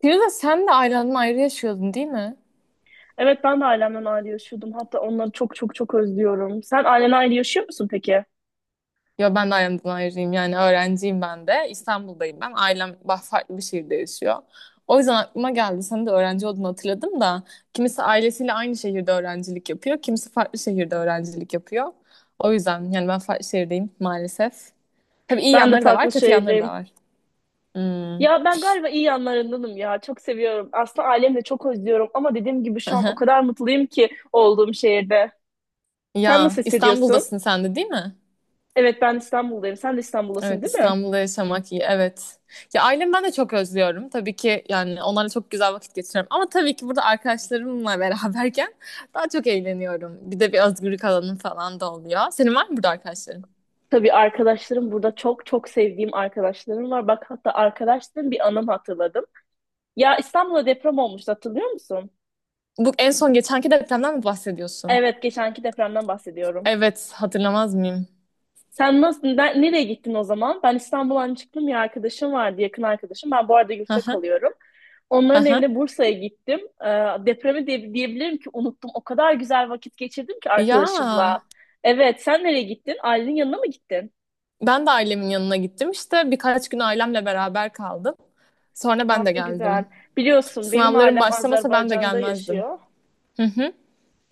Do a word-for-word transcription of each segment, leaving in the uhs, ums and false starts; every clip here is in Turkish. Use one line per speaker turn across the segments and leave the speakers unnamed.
Firuze sen de ailemden ayrı yaşıyordun değil mi?
Evet ben de ailemden ayrı yaşıyordum. Hatta onları çok çok çok özlüyorum. Sen ailenle ayrı yaşıyor musun peki?
Ya ben de ailemden ayrıyım yani öğrenciyim ben de. İstanbul'dayım ben. Ailem bah- farklı bir şehirde yaşıyor. O yüzden aklıma geldi. Sen de öğrenci olduğunu hatırladım da. Kimisi ailesiyle aynı şehirde öğrencilik yapıyor. Kimisi farklı şehirde öğrencilik yapıyor. O yüzden yani ben farklı şehirdeyim maalesef. Tabii iyi
Ben de
yanları da var,
farklı
kötü yanları da
şehirdeyim.
var. Hmm.
Ya ben galiba iyi yanlarındanım ya. Çok seviyorum. Aslında ailemi de çok özlüyorum. Ama dediğim gibi şu an o kadar mutluyum ki olduğum şehirde. Sen
Ya
nasıl hissediyorsun?
İstanbul'dasın sen de değil mi?
Evet ben İstanbul'dayım. Sen de İstanbul'dasın
Evet,
değil mi?
İstanbul'da yaşamak iyi. Evet. Ya ailemi ben de çok özlüyorum. Tabii ki yani onlarla çok güzel vakit geçiriyorum. Ama tabii ki burada arkadaşlarımla beraberken daha çok eğleniyorum. Bir de bir özgürlük alanım falan da oluyor. Senin var mı burada arkadaşların?
Tabii arkadaşlarım burada çok çok sevdiğim arkadaşlarım var. Bak hatta arkadaşlarım bir anım hatırladım. Ya İstanbul'da deprem olmuştu hatırlıyor musun?
Bu en son geçenki depremden mi bahsediyorsun?
Evet, geçenki depremden bahsediyorum.
Evet, hatırlamaz mıyım?
Sen nasıl, ne- nereye gittin o zaman? Ben İstanbul'dan çıktım, bir arkadaşım vardı, yakın arkadaşım. Ben bu arada
Hı
yurtta
hı,
kalıyorum.
hı
Onların
hı.
evine Bursa'ya gittim. Ee, depremi diye, diyebilirim ki unuttum. O kadar güzel vakit geçirdim ki
Ya
arkadaşımla. Evet, sen nereye gittin? Ailenin yanına mı gittin?
ben de ailemin yanına gittim. İşte birkaç gün ailemle beraber kaldım. Sonra
Aa,
ben de
ne güzel.
geldim.
Biliyorsun benim
Sınavlarım
ailem
başlamasa ben de
Azerbaycan'da
gelmezdim.
yaşıyor.
Hı hı,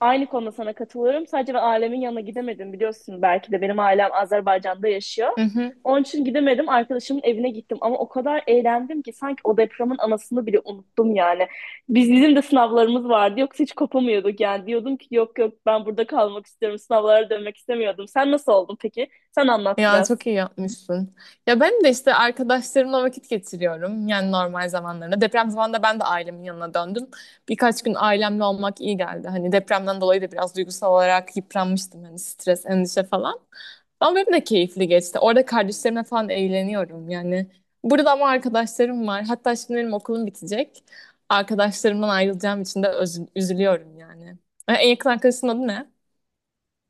Aynı konuda sana katılıyorum. Sadece ben ailemin yanına gidemedim biliyorsun belki de benim ailem Azerbaycan'da yaşıyor.
hı hı.
Onun için gidemedim. Arkadaşımın evine gittim ama o kadar eğlendim ki sanki o depremin anasını bile unuttum yani. Biz bizim de sınavlarımız vardı. Yoksa hiç kopamıyorduk yani. Diyordum ki yok yok ben burada kalmak istiyorum. Sınavlara dönmek istemiyordum. Sen nasıl oldun peki? Sen anlat
Ya
biraz.
çok iyi yapmışsın. Ya ben de işte arkadaşlarımla vakit geçiriyorum. Yani normal zamanlarında. Deprem zamanında ben de ailemin yanına döndüm. Birkaç gün ailemle olmak iyi geldi. Hani depremden dolayı da biraz duygusal olarak yıpranmıştım. Hani stres, endişe falan. Ama benim de keyifli geçti. Orada kardeşlerimle falan eğleniyorum yani. Burada ama arkadaşlarım var. Hatta şimdi benim okulum bitecek. Arkadaşlarımdan ayrılacağım için de özü- üzülüyorum yani. En yakın arkadaşının adı ne?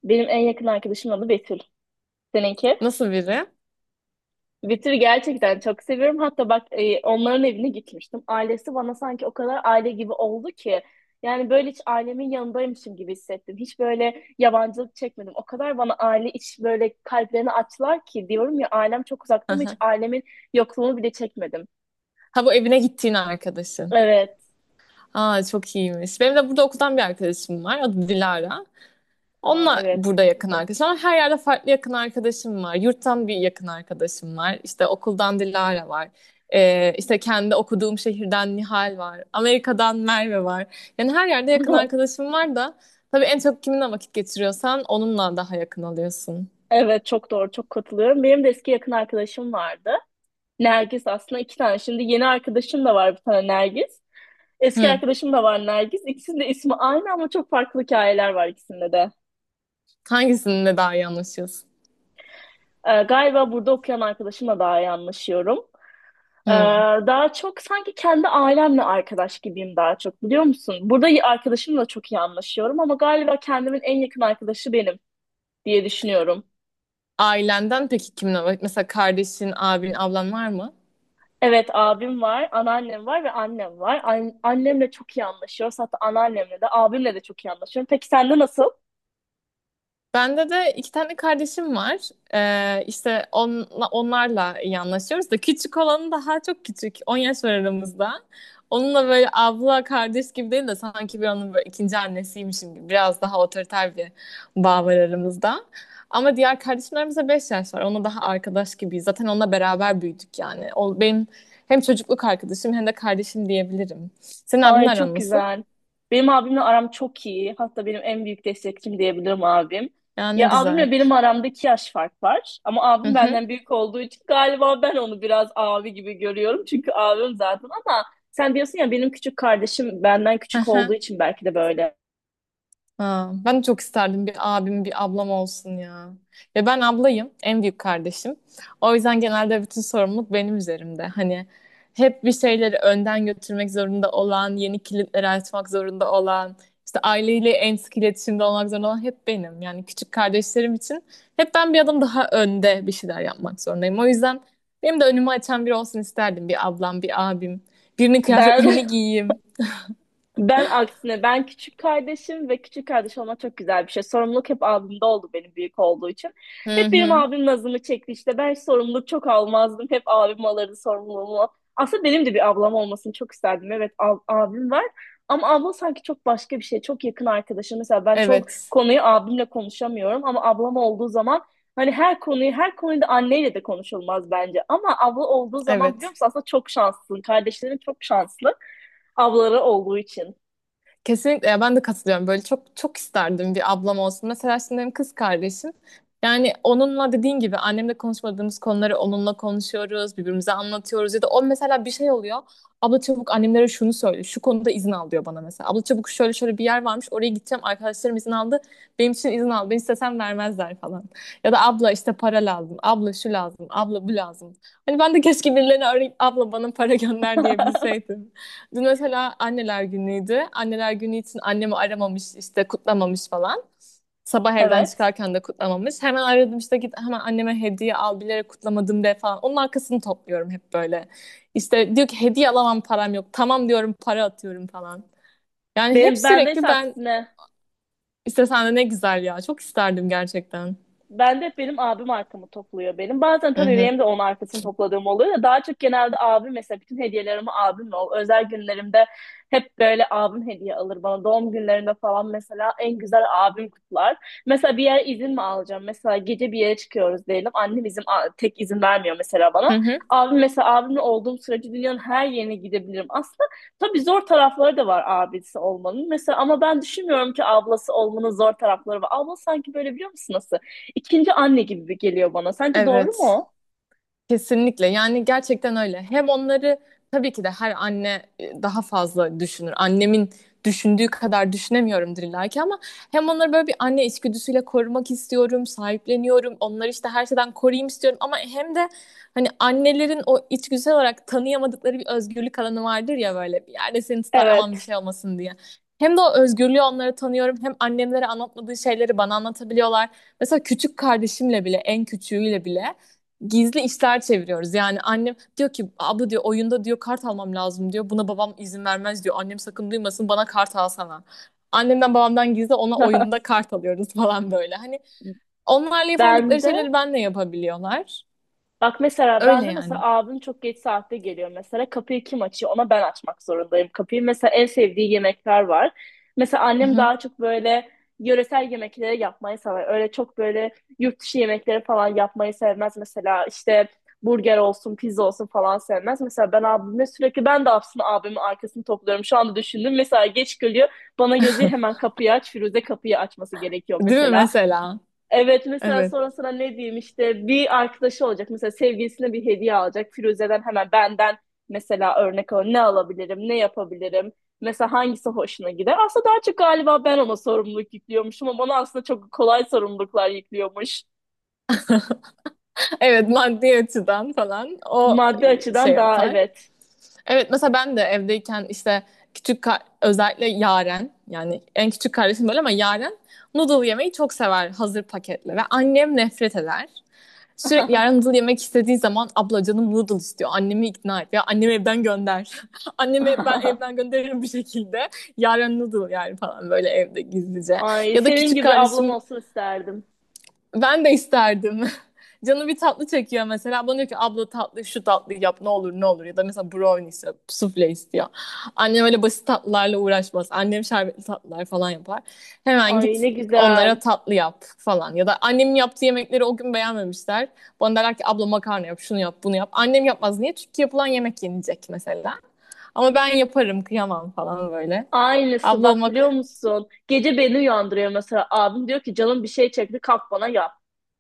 Benim en yakın arkadaşımın adı Betül. Seninki?
Nasıl biri?
Witcher'ı gerçekten çok seviyorum. Hatta bak e, onların evine gitmiştim. Ailesi bana sanki o kadar aile gibi oldu ki. Yani böyle hiç ailemin yanındaymışım gibi hissettim. Hiç böyle yabancılık çekmedim. O kadar bana aile iç böyle kalplerini açtılar ki diyorum ya ailem çok uzakta ama hiç
Aha.
ailemin yokluğunu bile çekmedim.
Ha, bu evine gittiğin arkadaşın.
Evet.
Aa, çok iyiymiş. Benim de burada okuldan bir arkadaşım var. Adı Dilara.
Aa,
Onunla
evet.
burada yakın arkadaşım var. Her yerde farklı yakın arkadaşım var. Yurttan bir yakın arkadaşım var. İşte okuldan Dilara var. Ee, işte kendi okuduğum şehirden Nihal var. Amerika'dan Merve var. Yani her yerde yakın arkadaşım var da tabii en çok kiminle vakit geçiriyorsan onunla daha yakın oluyorsun.
Evet çok doğru çok katılıyorum. Benim de eski yakın arkadaşım vardı. Nergis aslında iki tane. Şimdi yeni arkadaşım da var bir tane Nergis. Eski
Hı.
arkadaşım da var Nergis. İkisinin de ismi aynı ama çok farklı hikayeler var ikisinde de.
Hangisinle daha iyi anlaşıyorsun?
Ee, galiba burada okuyan arkadaşımla daha iyi anlaşıyorum. Ee,
Hı.
daha çok sanki kendi ailemle arkadaş gibiyim daha çok biliyor musun? Burada y- arkadaşımla çok iyi anlaşıyorum ama galiba kendimin en yakın arkadaşı benim diye düşünüyorum.
Ailenden peki kiminle? Mesela kardeşin, abin, ablan var mı?
Evet abim var, anneannem var ve annem var. An- annemle çok iyi anlaşıyoruz. Hatta anneannemle de abimle de çok iyi anlaşıyorum. Peki sende nasıl?
Bende de iki tane kardeşim var. Ee, işte onla, onlarla iyi anlaşıyoruz da küçük olanı daha çok küçük. On yaş var aramızda. Onunla böyle abla kardeş gibi değil de sanki bir onun böyle ikinci annesiymişim gibi. Biraz daha otoriter bir bağ var aramızda. Ama diğer kardeşimlerimize beş yaş var. Onunla daha arkadaş gibiyiz. Zaten onunla beraber büyüdük yani. O benim hem çocukluk arkadaşım hem de kardeşim diyebilirim. Senin abin
Ay çok
aran nasıl?
güzel. Benim abimle aram çok iyi. Hatta benim en büyük destekçim diyebilirim abim.
Ya ne
Ya
güzel.
abimle benim aramda iki yaş fark var. Ama
Hı
abim
hı.
benden büyük olduğu için galiba ben onu biraz abi gibi görüyorum. Çünkü abim zaten ama sen diyorsun ya benim küçük kardeşim benden küçük olduğu için belki de böyle.
Ha, ben de çok isterdim bir abim, bir ablam olsun ya. Ve ben ablayım, en büyük kardeşim. O yüzden genelde bütün sorumluluk benim üzerimde. Hani hep bir şeyleri önden götürmek zorunda olan, yeni kilitleri açmak zorunda olan, işte aileyle en sık iletişimde olmak zorunda olan hep benim. Yani küçük kardeşlerim için hep ben bir adım daha önde bir şeyler yapmak zorundayım. O yüzden benim de önümü açan biri olsun isterdim. Bir ablam, bir abim. Birinin
Ben
kıyafetlerini giyeyim.
Ben aksine ben küçük kardeşim ve küçük kardeş olmak çok güzel bir şey. Sorumluluk hep abimde oldu benim büyük olduğu için.
Hı
Hep benim
hı.
abim nazımı çekti işte. Ben hiç sorumluluk çok almazdım. Hep abim alırdı sorumluluğumu. Aslında benim de bir ablam olmasını çok isterdim. Evet ab- abim var. Ama abla sanki çok başka bir şey. Çok yakın arkadaşım. Mesela ben çok
Evet.
konuyu abimle konuşamıyorum. Ama ablam olduğu zaman hani her konuyu her konuda anneyle de konuşulmaz bence. Ama abla olduğu zaman biliyor
Evet.
musun aslında çok şanslısın. Kardeşlerin çok şanslı ablaları olduğu için.
Kesinlikle ya ben de katılıyorum. Böyle çok çok isterdim bir ablam olsun. Mesela şimdi benim kız kardeşim. Yani onunla dediğin gibi annemle konuşmadığımız konuları onunla konuşuyoruz, birbirimize anlatıyoruz ya da o mesela bir şey oluyor. Abla çabuk annemlere şunu söyle, şu konuda izin al diyor bana mesela. Abla çabuk şöyle şöyle bir yer varmış, oraya gideceğim, arkadaşlarım izin aldı, benim için izin al, ben istesem vermezler falan. Ya da abla işte para lazım, abla şu lazım, abla bu lazım. Hani ben de keşke birilerine arayıp abla bana para gönder diyebilseydim. Dün mesela anneler günüydü. Anneler günü için annemi aramamış, işte kutlamamış falan. Sabah evden
Evet.
çıkarken de kutlamamış. Hemen aradım, işte git hemen anneme hediye al, bilerek kutlamadım de falan. Onun arkasını topluyorum hep böyle. İşte diyor ki hediye alamam, param yok. Tamam diyorum, para atıyorum falan. Yani hep
Benim bende
sürekli
ise
ben
aksine.
işte sen de ne güzel ya. Çok isterdim gerçekten.
Ben de hep benim abim arkamı topluyor benim. Bazen
Hı
tabii
hı.
benim de onun arkasını topladığım oluyor da daha çok genelde abim mesela bütün hediyelerimi abimle ol. Özel günlerimde hep böyle abim hediye alır bana. Doğum günlerinde falan mesela en güzel abim kutlar. Mesela bir yere izin mi alacağım? Mesela gece bir yere çıkıyoruz diyelim. Annem izin a- tek izin vermiyor mesela bana.
Hı hı.
Abim mesela abimle olduğum sürece dünyanın her yerine gidebilirim. Aslında tabii zor tarafları da var abisi olmanın. Mesela ama ben düşünmüyorum ki ablası olmanın zor tarafları var. Abla sanki böyle biliyor musun nasıl? İkinci anne gibi geliyor bana. Sence doğru
Evet.
mu?
Kesinlikle yani gerçekten öyle. Hem onları tabii ki de her anne e, daha fazla düşünür. Annemin düşündüğü kadar düşünemiyorumdur illa ki ama hem onları böyle bir anne içgüdüsüyle korumak istiyorum, sahipleniyorum. Onları işte her şeyden koruyayım istiyorum ama hem de hani annelerin o içgüdüsel olarak tanıyamadıkları bir özgürlük alanı vardır ya, böyle bir yerde seni tutar aman bir
Evet.
şey olmasın diye. Hem de o özgürlüğü onlara tanıyorum. Hem annemlere anlatmadığı şeyleri bana anlatabiliyorlar. Mesela küçük kardeşimle bile, en küçüğüyle bile gizli işler çeviriyoruz. Yani annem diyor ki abla, diyor, oyunda diyor kart almam lazım diyor. Buna babam izin vermez diyor. Annem sakın duymasın, bana kart alsana. Annemden babamdan gizli ona oyunda kart alıyoruz falan böyle. Hani onlarla
Ben
yapamadıkları
de
şeyleri benle yapabiliyorlar.
Bak mesela ben
Öyle
de mesela
yani.
abim çok geç saatte geliyor mesela kapıyı kim açıyor ona ben açmak zorundayım kapıyı. Mesela en sevdiği yemekler var. Mesela
Hı
annem
hı.
daha çok böyle yöresel yemekleri yapmayı sever. Öyle çok böyle yurt dışı yemekleri falan yapmayı sevmez. Mesela işte burger olsun pizza olsun falan sevmez. Mesela ben abime sürekli ben de aslında abimin arkasını topluyorum. Şu anda düşündüm mesela geç geliyor bana gözü hemen kapıyı aç Firuze kapıyı açması gerekiyor
Değil mi
mesela.
mesela?
Evet mesela
Evet.
sonra sana ne diyeyim işte bir arkadaşı olacak mesela sevgilisine bir hediye alacak Firuze'den hemen benden mesela örnek al ne alabilirim ne yapabilirim mesela hangisi hoşuna gider aslında daha çok galiba ben ona sorumluluk yüklüyormuşum ama ona aslında çok kolay sorumluluklar yüklüyormuş
Evet, maddi açıdan falan o
maddi
şey
açıdan daha
yapar.
evet.
Evet mesela ben de evdeyken işte küçük ka- özellikle Yaren yani en küçük kardeşim böyle ama Yaren noodle yemeyi çok sever hazır paketle, ve annem nefret eder. Sürekli Yaren noodle yemek istediği zaman abla canım noodle istiyor, annemi ikna et ya, annemi evden gönder. Annemi ben evden gönderirim bir şekilde, Yaren noodle yani falan böyle evde gizlice.
Ay
Ya da
senin
küçük
gibi ablam
kardeşim
olsun isterdim.
ben de isterdim. Canı bir tatlı çekiyor mesela. Bana diyor ki abla tatlı, şu tatlı yap ne olur ne olur. Ya da mesela brownie istiyor, sufle istiyor. Annem öyle basit tatlılarla uğraşmaz. Annem şerbetli tatlılar falan yapar. Hemen
Ay
git
ne
onlara
güzel.
tatlı yap falan. Ya da annemin yaptığı yemekleri o gün beğenmemişler. Bana derler ki abla makarna yap, şunu yap, bunu yap. Annem yapmaz. Niye? Çünkü yapılan yemek yenecek mesela. Ama ben yaparım, kıyamam falan böyle.
Aynısı
Abla
bak biliyor
olmak
musun gece beni uyandırıyor mesela abim diyor ki canım bir şey çekti kalk bana yap.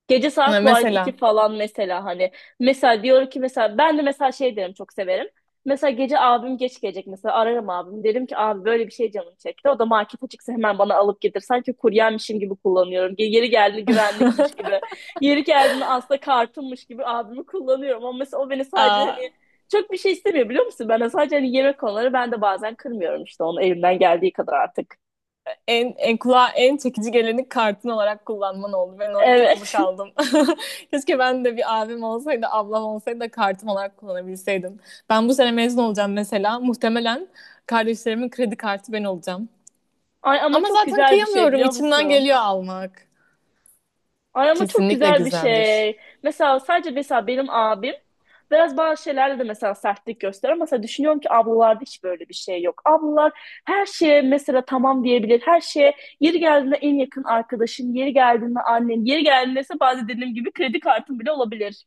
Gece saat bu arada iki
mesela.
falan mesela hani. Mesela diyor ki mesela ben de mesela şey derim çok severim. Mesela gece abim geç gelecek mesela ararım abim. Derim ki abi böyle bir şey canım çekti. O da market açıksa hemen bana alıp getir. Sanki kuryenmişim gibi kullanıyorum. Ge- Yeri geldiğinde güvenlikmiş gibi. Yeri geldiğinde aslında kartımmış gibi abimi kullanıyorum. Ama mesela o beni sadece
Aa.
hani çok bir şey istemiyor biliyor musun? Ben de sadece hani yemek konuları ben de bazen kırmıyorum işte onu elimden geldiği kadar artık.
en, en kulağa en çekici geleni kartın olarak kullanman oldu. Ben orada takılı
Evet.
kaldım. Keşke ben de bir abim olsaydı, ablam olsaydı da kartım olarak kullanabilseydim. Ben bu sene mezun olacağım mesela. Muhtemelen kardeşlerimin kredi kartı ben olacağım.
Ay ama
Ama
çok
zaten
güzel bir şey
kıyamıyorum.
biliyor
İçimden
musun?
geliyor almak.
Ay ama çok
Kesinlikle
güzel bir
güzeldir.
şey. Mesela sadece mesela benim abim biraz bazı şeylerde de mesela sertlik gösterir. Ama mesela düşünüyorum ki ablalarda hiç böyle bir şey yok. Ablalar her şeye mesela tamam diyebilir. Her şeye yeri geldiğinde en yakın arkadaşın, yeri geldiğinde annen, yeri geldiğinde ise bazen dediğim gibi kredi kartın bile olabilir.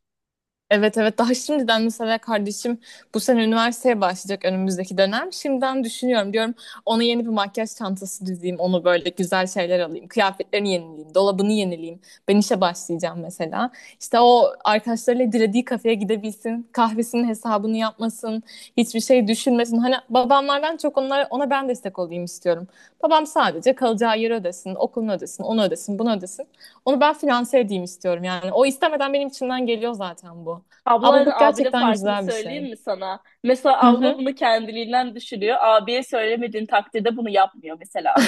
Evet, evet, daha şimdiden mesela kardeşim bu sene üniversiteye başlayacak önümüzdeki dönem. Şimdiden düşünüyorum, diyorum ona yeni bir makyaj çantası dizeyim, onu böyle güzel şeyler alayım. Kıyafetlerini yenileyim, dolabını yenileyim. Ben işe başlayacağım mesela. İşte o arkadaşlarıyla dilediği kafeye gidebilsin. Kahvesinin hesabını yapmasın. Hiçbir şey düşünmesin. Hani babamlardan çok onlara, ona ben destek olayım istiyorum. Babam sadece kalacağı yeri ödesin, okulunu ödesin, onu ödesin, bunu ödesin. Onu ben finanse edeyim istiyorum yani. O istemeden benim içimden geliyor zaten bu.
Ablayla
Ablalık
abide
gerçekten
farkını
güzel bir şey.
söyleyeyim mi sana? Mesela
Hı
abla
hı.
bunu kendiliğinden düşünüyor. Abiye söylemediğin takdirde bunu yapmıyor mesela.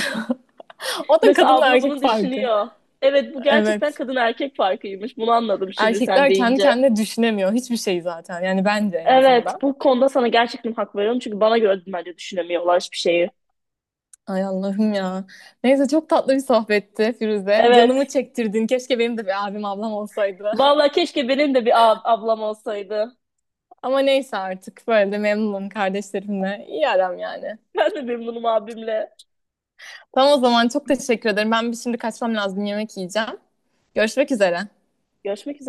O da
Mesela
kadınla
abla
erkek
bunu
farkı.
düşünüyor. Evet bu gerçekten
Evet.
kadın erkek farkıymış. Bunu anladım şimdi sen
Erkekler kendi
deyince.
kendine düşünemiyor. Hiçbir şey zaten. Yani bence en
Evet
azından.
bu konuda sana gerçekten hak veriyorum. Çünkü bana göre bence düşünemiyorlar hiçbir şeyi.
Ay Allah'ım ya. Neyse, çok tatlı bir sohbetti Firuze. Canımı
Evet.
çektirdin. Keşke benim de bir abim, ablam olsaydı.
Vallahi keşke benim de bir ab- ablam olsaydı.
Ama neyse, artık böyle de memnunum kardeşlerimle. İyi aram yani.
Ben de memnunum abimle.
Tamam, o zaman çok teşekkür ederim. Ben bir şimdi kaçmam lazım, yemek yiyeceğim. Görüşmek üzere.
Görüşmek üzere.